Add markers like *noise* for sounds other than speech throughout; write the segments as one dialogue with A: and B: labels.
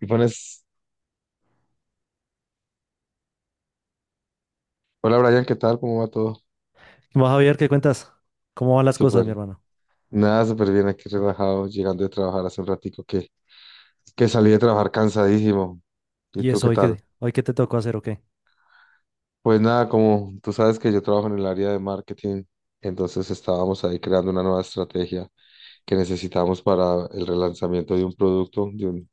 A: Y pones, hola Brian, ¿qué tal? ¿Cómo va todo?
B: Vas a ver qué cuentas, cómo van las cosas,
A: Súper,
B: mi hermano.
A: nada, súper bien aquí relajado, llegando de trabajar hace un ratico que salí de trabajar cansadísimo. ¿Y
B: Y
A: tú
B: eso
A: qué tal?
B: hoy qué te tocó hacer o qué.
A: Pues nada, como tú sabes que yo trabajo en el área de marketing, entonces estábamos ahí creando una nueva estrategia que necesitamos para el relanzamiento de un producto,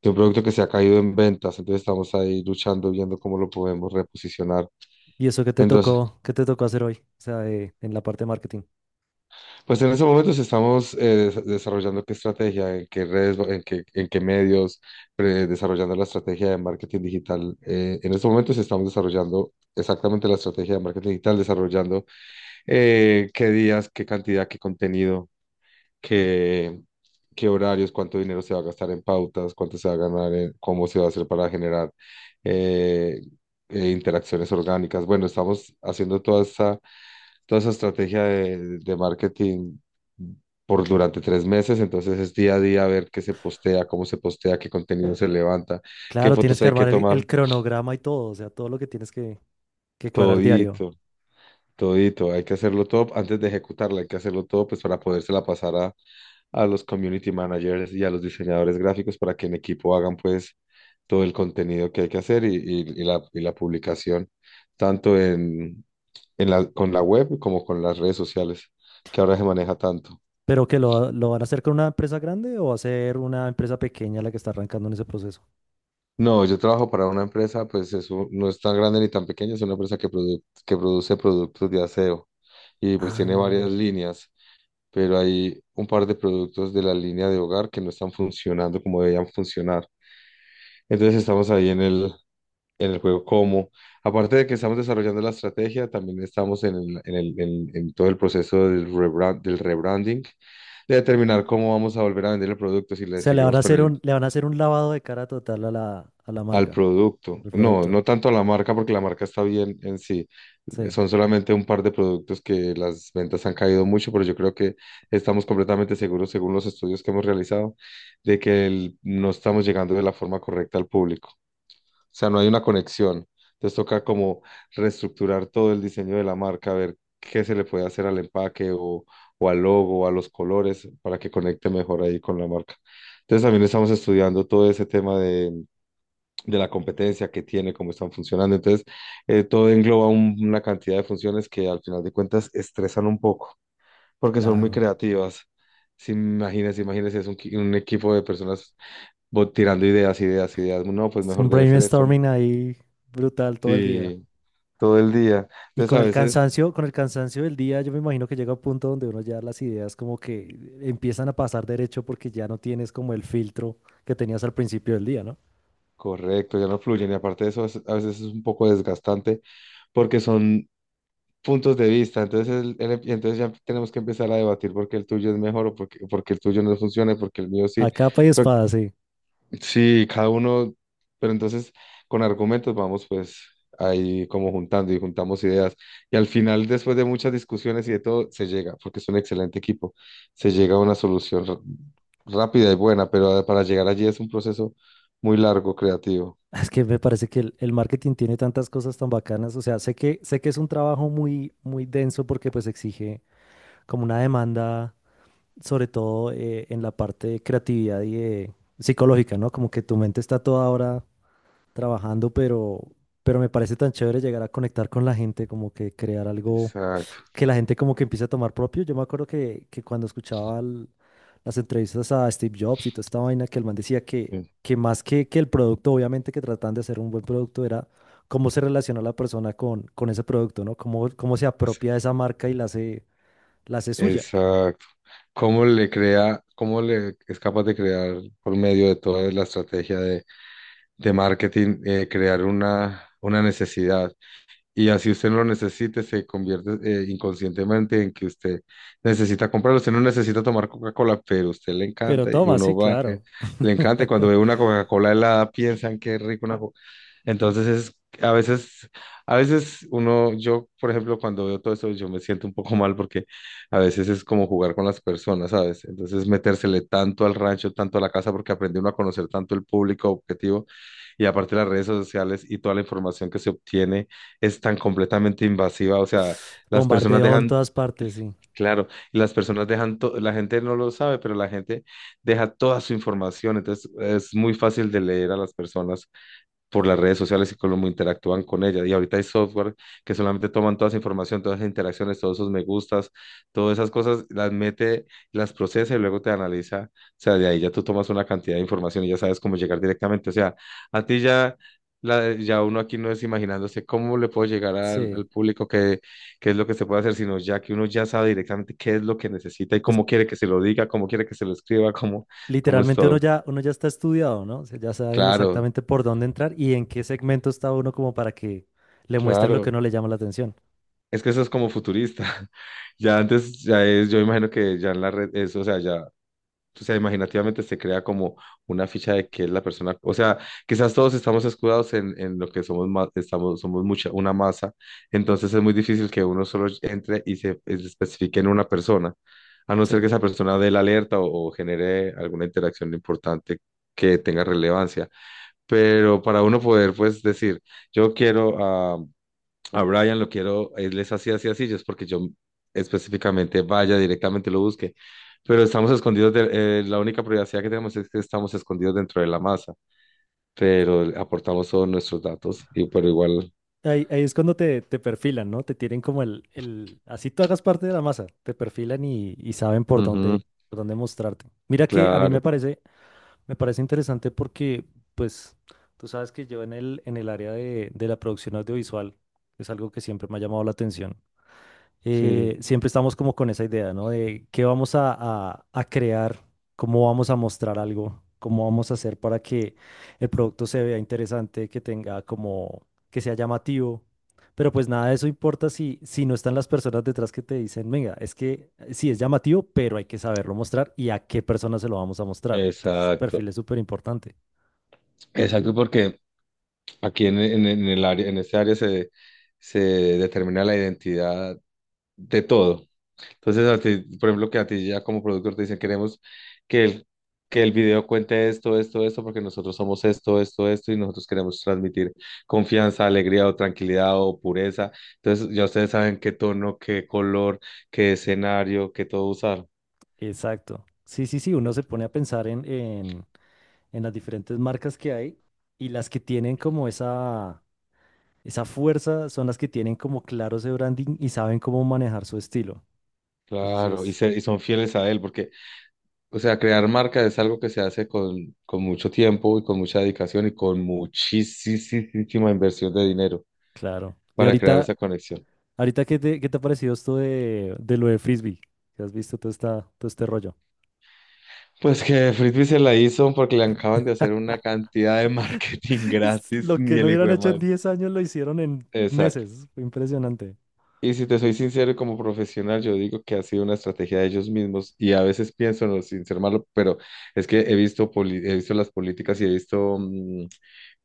A: de un producto que se ha caído en ventas, entonces estamos ahí luchando, viendo cómo lo podemos reposicionar.
B: Y eso
A: Entonces,
B: qué te tocó hacer hoy, o sea, en la parte de marketing.
A: pues en estos momentos estamos desarrollando qué estrategia, en qué redes, en qué medios, desarrollando la estrategia de marketing digital. En estos momentos estamos desarrollando exactamente la estrategia de marketing digital, desarrollando qué días, qué cantidad, qué contenido, qué, qué horarios, cuánto dinero se va a gastar en pautas, cuánto se va a ganar, cómo se va a hacer para generar eh, interacciones orgánicas. Bueno, estamos haciendo toda esta toda esa estrategia de marketing por durante tres meses, entonces es día a día ver qué se postea, cómo se postea, qué contenido se levanta, qué
B: Claro, tienes
A: fotos
B: que
A: hay que
B: armar el,
A: tomar,
B: el cronograma y todo, o sea, todo lo que tienes que cuadrar diario.
A: todito, todito, hay que hacerlo todo antes de ejecutarla, hay que hacerlo todo pues para podérsela pasar a los community managers y a los diseñadores gráficos para que en equipo hagan pues todo el contenido que hay que hacer y la publicación, tanto en, en la, con la web como con las redes sociales, que ahora se maneja tanto.
B: Pero que lo van a hacer con una empresa grande o va a ser una empresa pequeña la que está arrancando en ese proceso.
A: No, yo trabajo para una empresa, pues eso no es tan grande ni tan pequeña, es una empresa que produce productos de aseo y pues
B: Ah,
A: tiene varias
B: o
A: líneas, pero hay un par de productos de la línea de hogar que no están funcionando como debían funcionar. Entonces estamos ahí en el juego como, aparte de que estamos desarrollando la estrategia, también estamos en todo el proceso del rebranding, de determinar cómo vamos a volver a vender el producto, si le
B: sea, le van
A: seguimos
B: a
A: con
B: hacer
A: el
B: un, le van a hacer un lavado de cara total a la
A: al
B: marca,
A: producto.
B: al
A: No,
B: producto.
A: no tanto a la marca, porque la marca está bien en sí.
B: Sí,
A: Son solamente un par de productos que las ventas han caído mucho, pero yo creo que estamos completamente seguros, según los estudios que hemos realizado, de no estamos llegando de la forma correcta al público. O sea, no hay una conexión. Entonces toca como reestructurar todo el diseño de la marca, ver qué se le puede hacer al empaque o al logo, a los colores, para que conecte mejor ahí con la marca. Entonces también estamos estudiando todo ese tema de la competencia que tiene, cómo están funcionando. Entonces, todo engloba una cantidad de funciones que al final de cuentas estresan un poco, porque son muy
B: claro.
A: creativas. Si imagínense, imagínense, es un equipo de personas tirando ideas, ideas, ideas. No, pues
B: Es
A: mejor
B: un
A: debe ser esto, ¿no?
B: brainstorming ahí brutal todo el día.
A: Sí, todo el día.
B: Y
A: Entonces, a veces,
B: con el cansancio del día, yo me imagino que llega un punto donde uno ya las ideas como que empiezan a pasar derecho porque ya no tienes como el filtro que tenías al principio del día, ¿no?
A: correcto, ya no fluyen. Y aparte de eso, a veces es un poco desgastante porque son puntos de vista. Entonces, entonces ya tenemos que empezar a debatir porque el tuyo es mejor o porque, porque el tuyo no funciona, y porque el mío
B: A
A: sí.
B: capa y
A: Pero
B: espada, sí.
A: sí, cada uno, pero entonces con argumentos vamos pues ahí como juntando y juntamos ideas. Y al final, después de muchas discusiones y de todo, se llega, porque es un excelente equipo, se llega a una solución rápida y buena, pero para llegar allí es un proceso muy largo, creativo.
B: *laughs* Es que me parece que el marketing tiene tantas cosas tan bacanas. O sea, sé que es un trabajo muy, muy denso porque pues exige como una demanda, sobre todo en la parte de creatividad y de psicológica, ¿no? Como que tu mente está toda ahora trabajando, pero me parece tan chévere llegar a conectar con la gente, como que crear algo
A: Exacto.
B: que la gente como que empiece a tomar propio. Yo me acuerdo que cuando escuchaba las entrevistas a Steve Jobs y toda esta vaina, que el man decía
A: Sí,
B: que más que el producto, obviamente que trataban de hacer un buen producto, era cómo se relaciona la persona con ese producto, ¿no? Cómo se
A: es-
B: apropia de esa marca y la hace suya.
A: exacto, cómo le crea, cómo le es capaz de crear por medio de toda la estrategia de marketing, crear una necesidad. Y así usted no lo necesite, se convierte inconscientemente en que usted necesita comprarlo. Usted no necesita tomar Coca-Cola, pero a usted le
B: Pero
A: encanta y
B: toma, sí,
A: uno va,
B: claro.
A: le encanta. Y cuando ve una Coca-Cola helada, piensan qué rico una Coca. Entonces es, a veces, a veces uno, yo, por ejemplo, cuando veo todo eso, yo me siento un poco *laughs* mal porque a veces es como jugar con las personas, ¿sabes? Entonces metérsele tanto al rancho, tanto a la casa, porque aprende uno a conocer tanto el público objetivo y aparte las redes sociales y toda la información que se obtiene es tan completamente invasiva, o sea, las personas
B: Bombardeo en
A: dejan,
B: todas partes, sí.
A: claro, y las personas dejan, la gente no lo sabe, pero la gente deja toda su información, entonces es muy fácil de leer a las personas por las redes sociales y cómo interactúan con ella. Y ahorita hay software que solamente toman toda esa información, todas esas interacciones, todos esos me gustas, todas esas cosas, las mete, las procesa y luego te analiza. O sea, de ahí ya tú tomas una cantidad de información y ya sabes cómo llegar directamente. O sea, a ti ya... Ya uno aquí no es imaginándose cómo le puedo llegar
B: Sí.
A: al público, qué, qué es lo que se puede hacer, sino ya que uno ya sabe directamente qué es lo que necesita y cómo quiere que se lo diga, cómo quiere que se lo escriba, cómo, cómo es
B: Literalmente
A: todo.
B: uno ya está estudiado, ¿no? O sea, ya saben
A: Claro,
B: exactamente por dónde entrar y en qué segmento está uno como para que le muestren lo que
A: claro.
B: no le llama la atención.
A: Es que eso es como futurista. *laughs* Ya antes, ya es, yo imagino que ya en la red, eso, o sea, ya, o sea, imaginativamente se crea como una ficha de que es la persona, o sea, quizás todos estamos escudados en lo que somos, estamos, somos mucha, una masa, entonces es muy difícil que uno solo entre y se especifique en una persona, a no ser que
B: Sí.
A: esa persona dé la alerta o genere alguna interacción importante que tenga relevancia. Pero para uno poder, pues, decir, yo quiero ah, a Brian lo quiero, él es así, así, así, yo es porque yo específicamente vaya directamente lo busque. Pero estamos escondidos, de, la única privacidad que tenemos es que estamos escondidos dentro de la masa, pero aportamos todos nuestros datos, y pero igual,
B: Ahí es cuando te perfilan, ¿no? Te tienen como el... Así tú hagas parte de la masa, te perfilan y saben
A: ujú,
B: por dónde mostrarte. Mira que a mí
A: claro,
B: me parece interesante porque, pues, tú sabes que yo en el área de la producción audiovisual es algo que siempre me ha llamado la atención.
A: sí,
B: Siempre estamos como con esa idea, ¿no? De qué vamos a, a crear, cómo vamos a mostrar algo, cómo vamos a hacer para que el producto se vea interesante, que tenga como, que sea llamativo. Pero pues nada de eso importa si, si no están las personas detrás que te dicen, venga, es que sí es llamativo, pero hay que saberlo mostrar y a qué personas se lo vamos a mostrar. Entonces, ese
A: exacto,
B: perfil es súper importante.
A: exacto, porque aquí en el área, en este área se, se determina la identidad de todo. Entonces, a ti, por ejemplo, que a ti ya como productor te dicen, queremos que el, que el video cuente esto, esto, esto, porque nosotros somos esto, esto, esto, y nosotros queremos transmitir confianza, alegría o tranquilidad o pureza. Entonces, ya ustedes saben qué tono, qué color, qué escenario, qué todo usar.
B: Exacto. Sí, sí, sí, uno se pone a pensar en las diferentes marcas que hay y las que tienen como esa fuerza son las que tienen como claro ese branding y saben cómo manejar su estilo. Eso sí
A: Claro,
B: es
A: y son fieles a él, porque, o sea, crear marca es algo que se hace con mucho tiempo y con mucha dedicación y con muchísima inversión de dinero
B: claro. Y
A: para crear esa conexión.
B: ahorita qué te ha parecido esto de lo de Frisbee? ¿Que has visto todo, esta, todo este rollo?
A: Pues que Frisbee se la hizo porque le acaban de hacer una cantidad de marketing *laughs*
B: *laughs* Es
A: gratis,
B: lo que
A: ni
B: no
A: el hijo
B: hubieran
A: de
B: hecho en
A: madre.
B: 10 años lo hicieron en
A: Exacto.
B: meses. Fue impresionante.
A: Y si te soy sincero, como profesional, yo digo que ha sido una estrategia de ellos mismos y a veces pienso, no, sin ser malo, pero es que he visto, he visto las políticas y he visto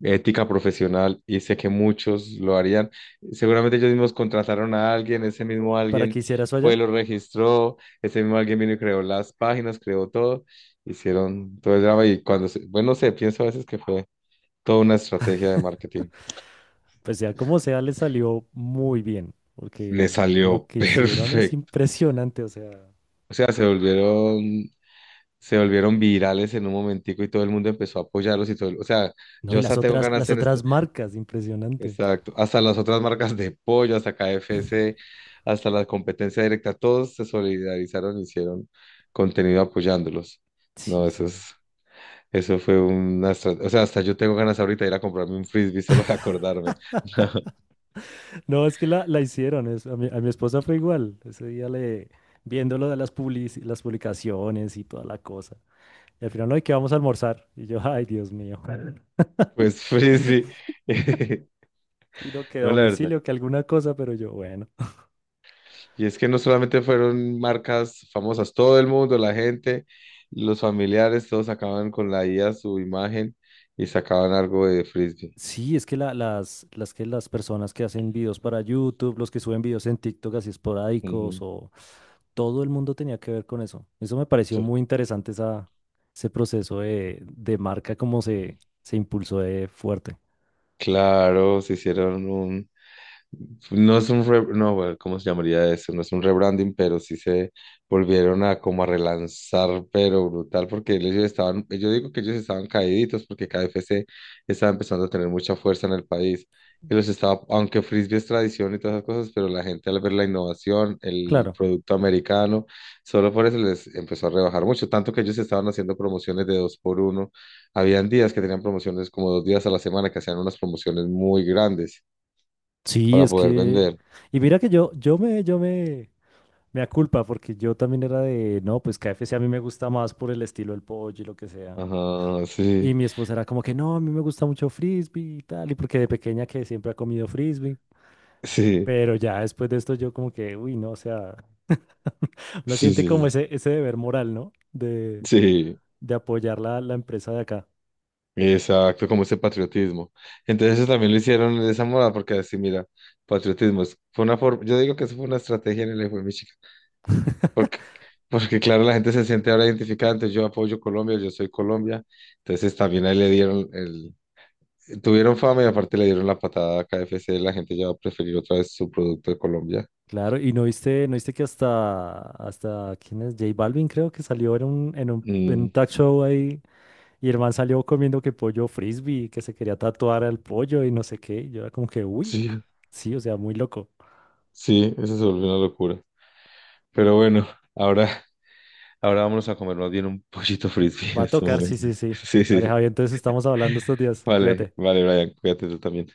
A: ética profesional y sé que muchos lo harían. Seguramente ellos mismos contrataron a alguien, ese mismo
B: ¿Para qué
A: alguien
B: hiciera eso?
A: fue, lo registró, ese mismo alguien vino y creó las páginas, creó todo, hicieron todo el drama y cuando, bueno, no sé, pienso a veces que fue toda una estrategia de marketing.
B: Pues sea como sea, le salió muy bien, porque
A: Le
B: lo
A: salió *laughs*
B: que hicieron es
A: perfecto.
B: impresionante, o sea,
A: O sea, se volvieron virales en un momentico y todo el mundo empezó a apoyarlos y todo, o sea,
B: no,
A: yo
B: y
A: hasta tengo ganas
B: las
A: de hacer esto,
B: otras marcas, impresionante.
A: exacto, hasta las otras marcas de pollo, hasta KFC, hasta la competencia directa, todos se solidarizaron y hicieron contenido apoyándolos. No,
B: Sí, sí.
A: eso es, eso fue una, o sea, hasta yo tengo ganas ahorita de ir a comprarme un frisbee solo de acordarme. *laughs*
B: No, es que la hicieron, a mi esposa fue igual, ese día le, viendo lo de las las publicaciones y toda la cosa, y al final, no, ¿y qué vamos a almorzar? Y yo, ay, Dios mío, *laughs*
A: Pues frisbee. *laughs*
B: sino que
A: No, la verdad.
B: domicilio, que alguna cosa, pero yo, bueno.
A: Y es que no solamente fueron marcas famosas, todo el mundo, la gente, los familiares, todos sacaban con la IA su imagen y sacaban algo de Frisbee.
B: Sí, es que las que las personas que hacen videos para YouTube, los que suben videos en TikTok así esporádicos,
A: Ujú.
B: o todo el mundo tenía que ver con eso. Eso me pareció
A: Sí.
B: muy interesante esa, ese proceso de marca, como se impulsó de fuerte.
A: Claro, se hicieron un, no es un no, bueno, ¿cómo se llamaría eso? No es un rebranding, pero sí se volvieron a como a relanzar, pero brutal, porque ellos estaban, yo digo que ellos estaban caíditos porque KFC estaba empezando a tener mucha fuerza en el país. Y los estaba, aunque frisbee es tradición y todas esas cosas, pero la gente al ver la innovación, el
B: Claro.
A: producto americano, solo por eso les empezó a rebajar mucho, tanto que ellos estaban haciendo promociones de dos por uno. Habían días que tenían promociones como dos días a la semana, que hacían unas promociones muy grandes
B: Sí,
A: para
B: es
A: poder
B: que.
A: vender.
B: Y mira que me aculpa, porque yo también era de, no, pues KFC a mí me gusta más por el estilo del pollo y lo que sea.
A: Ajá,
B: Y
A: sí,
B: mi esposa era como que no, a mí me gusta mucho frisbee y tal, y porque de pequeña que siempre ha comido frisbee.
A: sí,
B: Pero ya después de esto yo como que, uy, no, o sea, *laughs* uno
A: sí,
B: siente como
A: sí,
B: ese deber moral, ¿no?
A: sí,
B: De apoyar la empresa de acá.
A: exacto, como ese patriotismo. Entonces eso también lo hicieron de esa moda, porque así, mira, patriotismo, fue una forma, yo digo que eso fue una estrategia en el hijo de mi chica, porque, porque claro, la gente se siente ahora identificada, entonces yo apoyo Colombia, yo soy Colombia, entonces también ahí le dieron el, tuvieron fama y aparte le dieron la patada a KFC, la gente ya va a preferir otra vez su producto de Colombia.
B: Claro, y no viste, no viste que hasta, hasta, ¿quién es? J Balvin creo que salió en en un
A: Mm,
B: talk show ahí y el man salió comiendo que pollo frisbee, que se quería tatuar al pollo y no sé qué. Y yo era como que, uy,
A: sí,
B: sí, o sea, muy loco.
A: sí, eso se volvió una locura, pero bueno, ahora... Ahora vámonos a comer más bien un pollito frisbee *laughs*
B: Va
A: en
B: a
A: este
B: tocar, sí,
A: momento.
B: sí,
A: *laughs*
B: sí.
A: Sí, sí,
B: Vale,
A: sí.
B: Javier, entonces estamos hablando estos días.
A: Vale,
B: Cuídate.
A: vale, Brian, cuídate tú también.